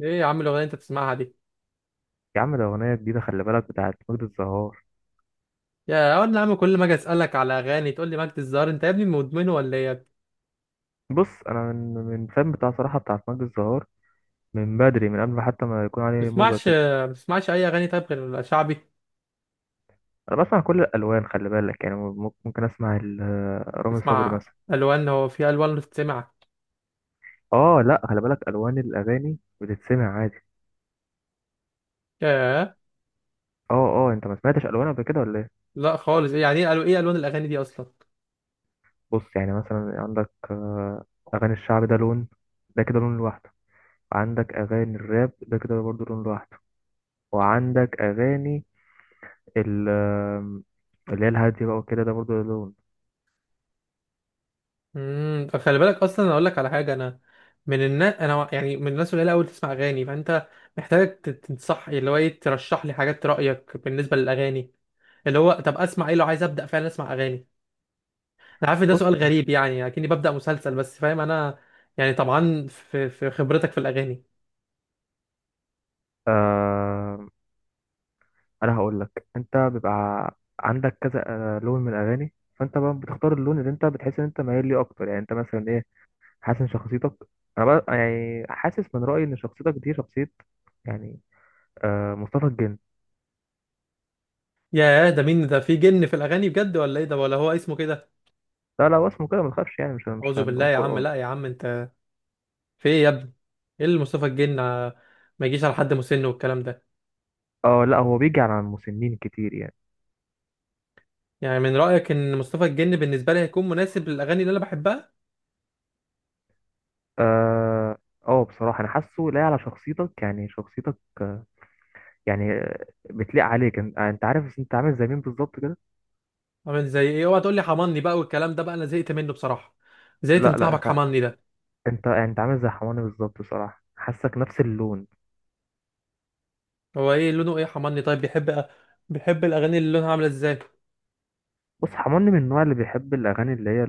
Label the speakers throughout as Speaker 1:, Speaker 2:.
Speaker 1: ايه يا عم الاغنيه اللي انت بتسمعها دي؟
Speaker 2: يا عم ده أغنية جديدة، خلي بالك بتاعت مجد الزهار.
Speaker 1: يا اول يا عم، كل ما اجي اسالك على اغاني تقول لي مجد الزهر، انت يا ابني مدمن ولا ايه يا ابني؟
Speaker 2: بص أنا من فان بتاع، صراحة بتاعت مجد الزهار من بدري، من قبل ما حتى ما يكون
Speaker 1: ما
Speaker 2: عليه موجة
Speaker 1: بتسمعش
Speaker 2: كده.
Speaker 1: ما بتسمعش اي اغاني طيب غير شعبي؟
Speaker 2: أنا بسمع كل الألوان خلي بالك، يعني ممكن أسمع رامي صبري
Speaker 1: بتسمع
Speaker 2: مثلا.
Speaker 1: الوان؟ هو في الوان بتسمع؟
Speaker 2: آه لأ خلي بالك، ألوان الأغاني بتتسمع عادي.
Speaker 1: ياه.
Speaker 2: آه. آه أنت ما سمعتش ألوان قبل كده ولا إيه؟
Speaker 1: لا خالص، ايه يعني، ايه الوان الاغاني دي اصلا؟
Speaker 2: بص يعني مثلا عندك، أغاني الشعب ده لون، ده كده لون لوحده. وعندك أغاني الراب ده كده برضه لون لوحده. وعندك أغاني ال- آم، اللي هي الهادي بقى وكده، ده برضه له لون.
Speaker 1: طب خلي بالك اصلا، انا اقول لك على حاجه. انا من الناس، انا يعني من الناس القليله قوي تسمع اغاني، فانت محتاج تنصح، اللي هو ايه، ترشح لي حاجات، رايك بالنسبه للاغاني اللي هو طب اسمع ايه لو عايز ابدا فعلا اسمع اغاني. انا عارف إن ده سؤال
Speaker 2: بص،
Speaker 1: غريب، يعني اكني ببدأ مسلسل، بس فاهم انا يعني طبعا في خبرتك في الاغاني.
Speaker 2: آه، انا هقول لك انت بيبقى عندك كذا لون من الاغاني، فانت بقى بتختار اللون اللي انت بتحس ان انت مايل ليه اكتر. يعني انت مثلا ايه حاسس ان شخصيتك؟ انا بقى يعني حاسس من رايي ان شخصيتك دي شخصيه، يعني، آه، مصطفى الجن.
Speaker 1: يا ده مين ده، في جن في الاغاني بجد ولا ايه ده، ولا هو اسمه كده؟
Speaker 2: لا لا هو اسمه كده ما تخافش، يعني مش
Speaker 1: اعوذ بالله
Speaker 2: هنقول
Speaker 1: يا عم،
Speaker 2: قران.
Speaker 1: لا يا عم انت. في ايه يا ابني؟ ايه اللي مصطفى الجن، ما يجيش على حد مسن والكلام ده.
Speaker 2: اه لا هو بيجي على المسنين كتير يعني.
Speaker 1: يعني من رأيك ان مصطفى الجن بالنسبة لي هيكون مناسب للاغاني اللي انا بحبها؟
Speaker 2: اه. اه بصراحه انا حاسه لاقي على شخصيتك، يعني شخصيتك، يعني، بتليق عليك. انت انت عارف انت عامل زي مين بالظبط كده؟
Speaker 1: عامل زي ايه؟ اوعى تقول لي حماني بقى والكلام ده بقى، انا زهقت منه بصراحة. زهقت
Speaker 2: لا
Speaker 1: من
Speaker 2: لا
Speaker 1: صاحبك
Speaker 2: انت،
Speaker 1: حماني ده.
Speaker 2: انت عامل زي حماني بالظبط، بصراحه حاسك نفس اللون.
Speaker 1: هو ايه لونه، ايه حماني، طيب بيحب بيحب الاغاني اللي لونها عاملة ازاي؟
Speaker 2: بص حماني من النوع اللي بيحب الاغاني اللي هي،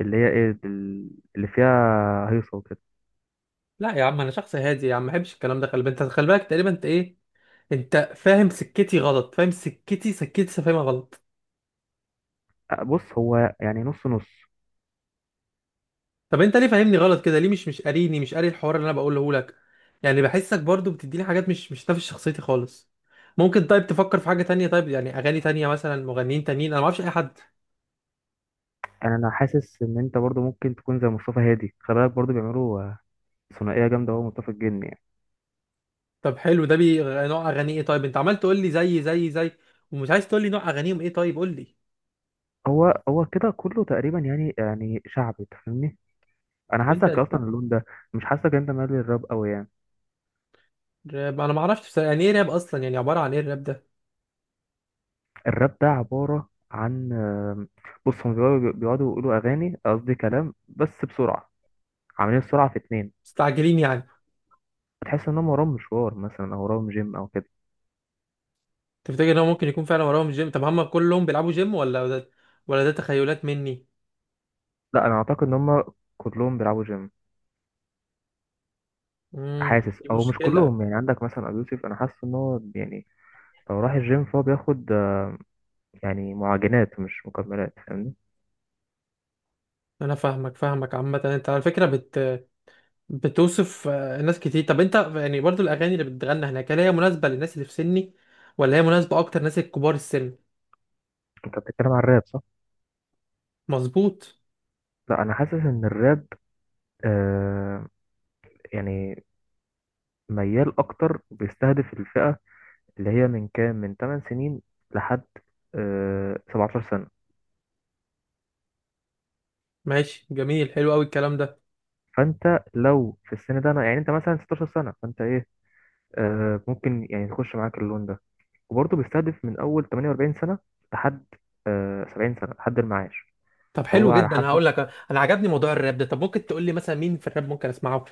Speaker 2: اللي هي ايه دل- اللي فيها هيصه وكده.
Speaker 1: لا يا عم انا شخص هادي يا عم، ما بحبش الكلام ده. خلي بالك انت، خلي بالك تقريبا انت ايه. انت فاهم سكتي غلط، فاهم سكتي لسه فاهمها غلط.
Speaker 2: بص هو يعني نص نص.
Speaker 1: طب انت ليه فاهمني غلط كده ليه؟ مش قاريني، مش قاري الحوار اللي انا بقوله لك. يعني بحسك برضو بتديني حاجات مش نافس شخصيتي خالص. ممكن طيب تفكر في حاجة تانية، طيب يعني اغاني تانية، مثلا مغنيين تانيين، انا ما اعرفش اي حد.
Speaker 2: انا حاسس ان انت برضو ممكن تكون زي مصطفى هادي، خلي بالك برضو بيعملوا، آه، ثنائيه جامده هو مصطفى الجن يعني.
Speaker 1: طب حلو، ده بي نوع اغاني ايه؟ طيب انت عمال تقول لي زي ومش عايز تقول لي نوع اغانيهم ايه. طيب قول لي،
Speaker 2: هو كده كله تقريبا، يعني يعني شعبي تفهمني، انا
Speaker 1: طب انت
Speaker 2: حاسك
Speaker 1: انت
Speaker 2: اصلا اللون ده. مش حاسك انت مالي الراب قوي يعني؟
Speaker 1: راب انا ما اعرفش بصراحة، يعني ايه راب اصلا، يعني عبارة عن ايه الراب ده؟
Speaker 2: الراب ده عبارة عن، آم، بص هم بيقعدوا يقولوا أغاني، قصدي كلام، بس بسرعة، عاملين السرعة في اتنين.
Speaker 1: مستعجلين يعني؟
Speaker 2: هتحس إن هم وراهم مشوار مثلا، أو وراهم جيم أو كده.
Speaker 1: تفتكر ان هو ممكن يكون فعلا وراهم جيم؟ طب هم كلهم بيلعبوا جيم ولا ده، ولا ده تخيلات مني؟
Speaker 2: لا أنا أعتقد إن هم كلهم بيلعبوا جيم. حاسس،
Speaker 1: دي
Speaker 2: أو مش
Speaker 1: مشكلة.
Speaker 2: كلهم يعني، عندك مثلا أبو يوسف، أنا حاسس إن هو يعني لو راح الجيم فهو بياخد، آه، يعني معجنات مش مكملات فاهمني.
Speaker 1: انا فاهمك فاهمك عامة. انت على فكرة بتوصف ناس كتير. طب انت يعني برضو الاغاني اللي بتتغنى هناك، هل هي مناسبة للناس اللي في سني، ولا هي مناسبة اكتر ناس الكبار السن؟
Speaker 2: أنت بتتكلم عن الراب صح؟
Speaker 1: مظبوط.
Speaker 2: لا أنا حاسس إن الراب، آه، يعني ميال أكتر، بيستهدف الفئة اللي هي من كام، من 8 سنين لحد، آه، 17 سنة.
Speaker 1: ماشي جميل، حلو قوي الكلام ده.
Speaker 2: فانت لو في السن ده، انا يعني انت مثلا 16 سنة، فانت ايه، آه، ممكن يعني تخش معاك اللون ده. وبرضه بيستهدف من اول 48 سنة لحد، آه، 70 سنة لحد المعاش.
Speaker 1: طب
Speaker 2: فهو
Speaker 1: حلو
Speaker 2: على
Speaker 1: جدا،
Speaker 2: حسب.
Speaker 1: هقول لك، انا عجبني موضوع الراب ده. طب ممكن تقول لي مثلا مين في الراب ممكن اسمعه؟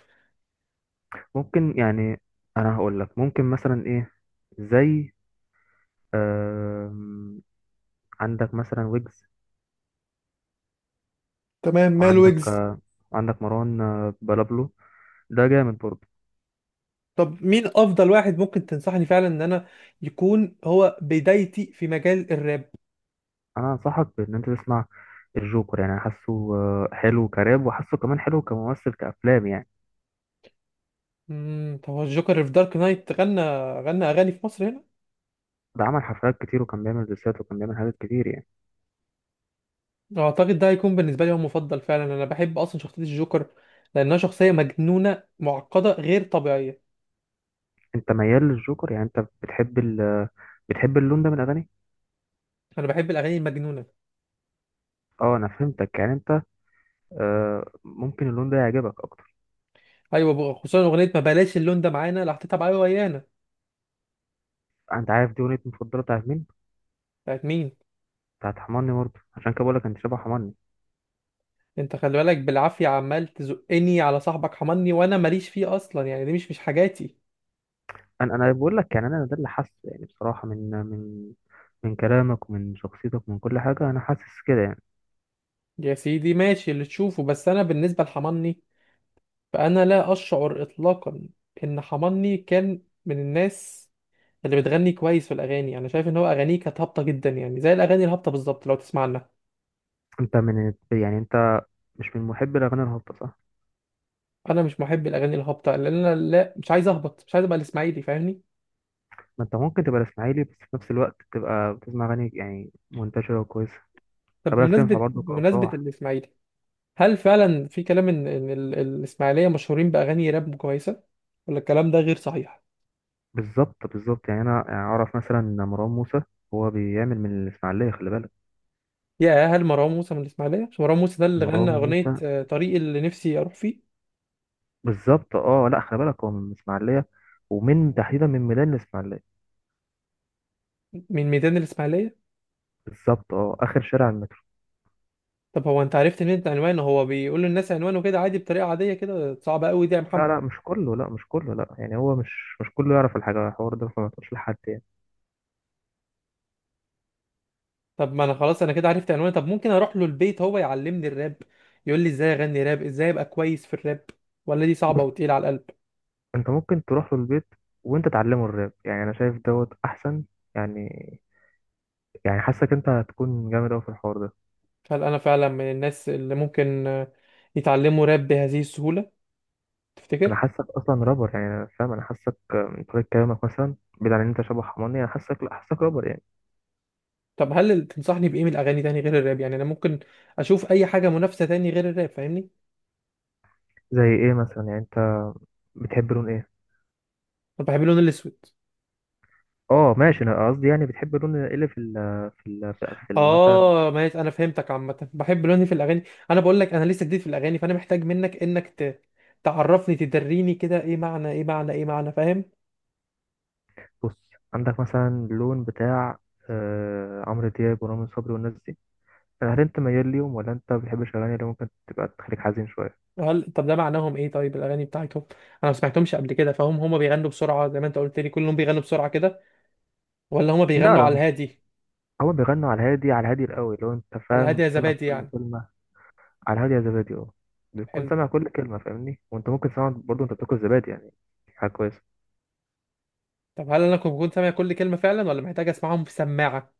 Speaker 2: ممكن يعني، انا هقول لك ممكن مثلا ايه، زي، آم، عندك مثلا ويجز.
Speaker 1: تمام، مال
Speaker 2: وعندك،
Speaker 1: ويجز.
Speaker 2: وعندك مروان، آه، بلابلو، ده جامد برضه.
Speaker 1: طب مين افضل واحد ممكن تنصحني فعلا ان انا يكون هو بدايتي في مجال الراب؟
Speaker 2: انا انصحك بان انت تسمع الجوكر، يعني أنا حاسه، آه، حلو كراب وحاسه كمان حلو كممثل كافلام يعني.
Speaker 1: طب هو الجوكر في دارك نايت غنى اغاني في مصر هنا؟
Speaker 2: ده عمل حفلات كتير وكان بيعمل ديسات وكان بيعمل حاجات كتير يعني.
Speaker 1: اعتقد ده هيكون بالنسبه لي هو مفضل فعلا، انا بحب اصلا شخصيه الجوكر لانها شخصيه مجنونه معقده غير طبيعيه.
Speaker 2: انت ميال للجوكر يعني، انت بتحب ال، بتحب اللون ده من الاغاني.
Speaker 1: انا بحب الاغاني المجنونه.
Speaker 2: اه انا فهمتك. يعني انت، آه، ممكن اللون ده يعجبك اكتر.
Speaker 1: ايوه بقى، خصوصا اغنيه ما بلاش، اللون ده معانا اللي حطيتها بعيا ويانا.
Speaker 2: انت عارف دي اغنيه مفضله بتاعت مين؟
Speaker 1: بتاعت مين؟
Speaker 2: بتاعت حماني برضه، عشان كده بقول لك انت شبه حماني.
Speaker 1: انت خلي بالك بالعافيه عمال تزقني على صاحبك حماني، وانا ماليش فيه اصلا، يعني دي مش حاجاتي.
Speaker 2: انا بقول لك يعني انا ده اللي حاسه، يعني بصراحه من من كلامك ومن شخصيتك ومن كل حاجه انا حاسس كده يعني.
Speaker 1: يا سيدي ماشي اللي تشوفه، بس انا بالنسبه لحماني فانا لا اشعر اطلاقا ان حماني كان من الناس اللي بتغني كويس في الاغاني. انا شايف ان هو اغانيه كانت هابطه جدا، يعني زي الاغاني الهابطه بالظبط لو تسمع عنها.
Speaker 2: انت من، يعني انت مش من محبي الأغاني الهابطة صح؟
Speaker 1: انا مش محب الاغاني الهابطه لان انا لا، مش عايز اهبط، مش عايز ابقى الاسماعيلي فاهمني.
Speaker 2: ما أنت ممكن تبقى الإسماعيلي بس في نفس الوقت تبقى بتسمع أغاني يعني منتشرة وكويسة،
Speaker 1: طب
Speaker 2: خلي بالك تنفع
Speaker 1: بمناسبه
Speaker 2: برضه
Speaker 1: بمناسبه
Speaker 2: كأفراح.
Speaker 1: الاسماعيلي، هل فعلا في كلام ان الاسماعيليه مشهورين باغاني راب كويسه، ولا الكلام ده غير صحيح؟
Speaker 2: بالظبط بالظبط، يعني أنا يعني أعرف مثلا إن مروان موسى هو بيعمل من الإسماعيلية، خلي بالك.
Speaker 1: يا هل مروان موسى من الاسماعيليه؟ مش مروان موسى ده اللي غنى
Speaker 2: مروان
Speaker 1: اغنيه
Speaker 2: موسى
Speaker 1: طريق اللي نفسي اروح فيه؟
Speaker 2: بالظبط، أه لأ خلي بالك هو من الإسماعيلية، ومن تحديدا من ميدان الإسماعيلية.
Speaker 1: من ميدان الإسماعيلية.
Speaker 2: بالظبط، أه آخر شارع المترو.
Speaker 1: طب هو أنت عرفت منين عنوانه؟ هو بيقول للناس عنوانه كده عادي بطريقة عادية كده؟ صعبة قوي دي يا
Speaker 2: لا
Speaker 1: محمد.
Speaker 2: لا مش كله، لا مش كله لا، يعني هو مش كله يعرف الحاجة، الحوار ده فما تقولش لحد يعني.
Speaker 1: طب ما أنا خلاص أنا كده عرفت عنوانه، طب ممكن أروح له البيت هو يعلمني الراب، يقول لي إزاي أغني راب، إزاي أبقى كويس في الراب، ولا دي صعبة
Speaker 2: بص،
Speaker 1: وتقيلة على القلب؟
Speaker 2: انت ممكن تروح له البيت وانت تعلمه الراب، يعني انا شايف دوت احسن، يعني يعني حاسك انت هتكون جامد قوي في الحوار ده.
Speaker 1: هل أنا فعلا من الناس اللي ممكن يتعلموا راب بهذه السهولة؟
Speaker 2: انا
Speaker 1: تفتكر؟
Speaker 2: حاسك اصلا رابر يعني، انا فاهم، انا حاسك من طريقه كلامك مثلا، بعيد عن ان انت شبه حماني، انا حاسك لا حاسك رابر يعني.
Speaker 1: طب هل تنصحني بإيه من الأغاني تاني غير الراب؟ يعني أنا ممكن أشوف أي حاجة منافسة تاني غير الراب فاهمني.
Speaker 2: زي ايه مثلا؟ يعني انت بتحب لون ايه؟
Speaker 1: أنا بحب اللون الأسود.
Speaker 2: اه ماشي، انا قصدي يعني بتحب لون ايه اللي في مثلا.
Speaker 1: اه ماشي، انا فهمتك، عامه بحب لوني في الاغاني. انا بقول لك انا لسه جديد في الاغاني، فانا محتاج منك انك تعرفني تدريني كده، ايه معنى فاهم.
Speaker 2: بص عندك مثلا اللون بتاع، آه، عمرو دياب ورامي صبري والناس دي. هل انت ميال ليهم ولا انت بتحب الاغاني اللي ممكن تبقى تخليك حزين شويه؟
Speaker 1: هل، طب ده معناهم ايه طيب الاغاني بتاعتهم؟ انا ما سمعتهمش قبل كده. فهم هما بيغنوا بسرعه زي ما انت قلت لي كلهم بيغنوا بسرعه كده، ولا هما
Speaker 2: لا
Speaker 1: بيغنوا
Speaker 2: لا،
Speaker 1: على الهادي؟
Speaker 2: هو بيغنوا على الهادي، على الهادي القوي لو انت
Speaker 1: على الهادي
Speaker 2: فاهم
Speaker 1: يا
Speaker 2: سامع
Speaker 1: زبادي
Speaker 2: كل
Speaker 1: يعني؟
Speaker 2: كلمة. على الهادي يا زبادي اه. بتكون
Speaker 1: حلو.
Speaker 2: سامع كل كلمة فاهمني، وانت ممكن تسمع برضه انت بتاكل زبادي يعني، حاجة كويسة.
Speaker 1: طب هل انا كنت سامع كل كلمه فعلا ولا محتاج اسمعهم في سماعه؟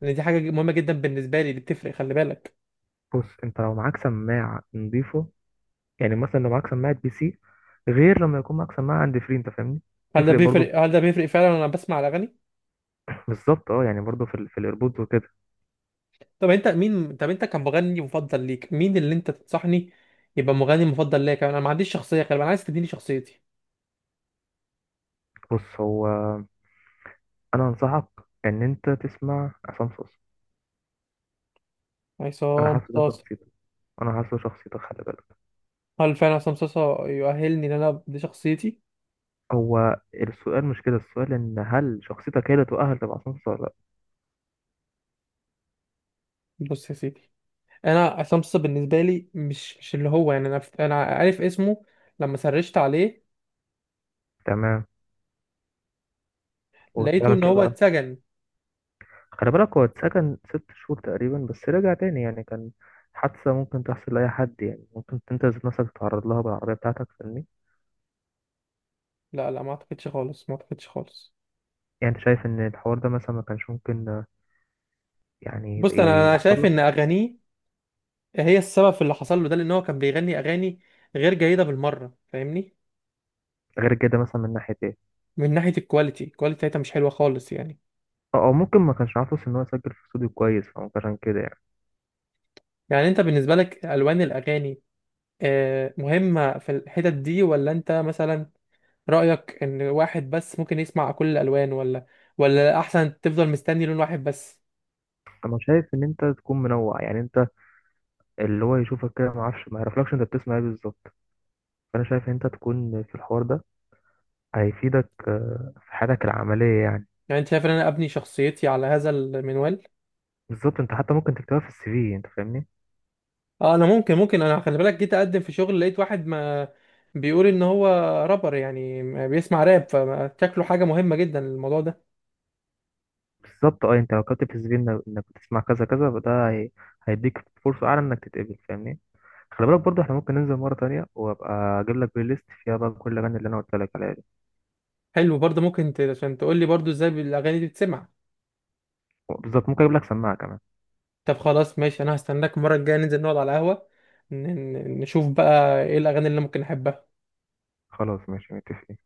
Speaker 1: لان دي حاجه مهمه جدا بالنسبه لي اللي بتفرق خلي بالك.
Speaker 2: بص انت لو معاك سماعة نضيفه، يعني مثلا لو معاك سماعة بي سي، غير لما يكون معاك سماعة عند فري انت فاهمني،
Speaker 1: هل ده
Speaker 2: تفرق برضه.
Speaker 1: بيفرق هل ده بيفرق فعلا وانا بسمع الاغاني؟
Speaker 2: بالظبط اه، يعني برضه في ال، في الايربودز وكده.
Speaker 1: طب انت مين، طب انت كمغني مفضل ليك مين اللي انت تنصحني يبقى مغني مفضل ليا كمان؟ انا ما عنديش شخصيه غالبا، انا عايز تديني شخصيتي.
Speaker 2: بص هو، انا انصحك ان انت تسمع عصام صوصة، انا
Speaker 1: عصام
Speaker 2: حاسس ده
Speaker 1: صاصا؟
Speaker 2: شخصيته، انا حاسس ده شخصيته خلي بالك.
Speaker 1: هل فعلا عصام صاصا يؤهلني ان انا دي شخصيتي؟
Speaker 2: هو السؤال مش كده، السؤال ان هل شخصيتك هي اللي تؤهل تبقى سمسار ولا لا.
Speaker 1: بص يا سيدي، انا عصام صاصا بالنسبه لي مش اللي هو يعني، انا عارف اسمه لما سرشت عليه.
Speaker 2: تمام، وقلت
Speaker 1: لقيته ان
Speaker 2: لك ايه
Speaker 1: هو
Speaker 2: بقى؟
Speaker 1: اتسجن.
Speaker 2: خلي بالك هو اتسجن ست شهور تقريبا بس رجع تاني، يعني كان حادثة ممكن تحصل لأي حد يعني، ممكن انت ذات نفسك تتعرض لها بالعربية بتاعتك فاهمني.
Speaker 1: لا لا ما اعتقدش خالص، ما اعتقدش خالص.
Speaker 2: يعني انت شايف ان الحوار ده مثلا ما كانش ممكن، يعني يت-
Speaker 1: بص، انا
Speaker 2: يحصل
Speaker 1: شايف ان
Speaker 2: لك؟
Speaker 1: اغانيه هي السبب في اللي حصل له ده لان هو كان بيغني اغاني غير جيده بالمره فاهمني.
Speaker 2: غير كده مثلا من ناحية ايه؟
Speaker 1: من ناحية الكواليتي، الكواليتي بتاعتها مش حلوة خالص يعني.
Speaker 2: او أو ممكن ما كانش عارف أصلاً ان هو يسجل في استوديو كويس، فممكن عشان كده يعني.
Speaker 1: يعني انت بالنسبة لك ألوان الأغاني مهمة في الحتت دي، ولا انت مثلا رأيك ان واحد بس ممكن يسمع كل الألوان، ولا أحسن تفضل مستني لون واحد بس؟
Speaker 2: انا شايف ان انت تكون منوع، يعني انت اللي هو يشوفك كده ما اعرفش ما يعرفلكش انت بتسمع ايه بالظبط، فانا شايف ان انت تكون في الحوار ده هيفيدك، آه، في حياتك العمليه يعني.
Speaker 1: يعني انت شايف ان انا ابني شخصيتي على هذا المنوال؟
Speaker 2: بالظبط، انت حتى ممكن تكتبها في الـ CV انت فاهمني.
Speaker 1: اه انا ممكن، انا خلي بالك جيت اقدم في شغل لقيت واحد ما بيقول ان هو رابر، يعني بيسمع راب، فشكله حاجة مهمة جدا الموضوع ده.
Speaker 2: بالظبط اه، انت لو كتبت في الـ CV انك إنك بتسمع كذا كذا فده هي... هيديك فرصه اعلى انك تتقبل فاهمني. خلي بالك برضو احنا ممكن ننزل مره تانية وابقى اجيب لك بلاي ليست فيها بقى كل الاغاني اللي انا قلت لك عليها دي.
Speaker 1: حلو، برضه ممكن عشان تقول لي برضه ازاي الأغاني دي بتسمع.
Speaker 2: بالظبط، ممكن اجيب لك سماعه كمان.
Speaker 1: طب خلاص ماشي، انا هستناك المره الجايه ننزل نقعد على القهوه ن- نشوف بقى ايه الاغاني اللي ممكن احبها.
Speaker 2: خلاص ماشي، متفقين.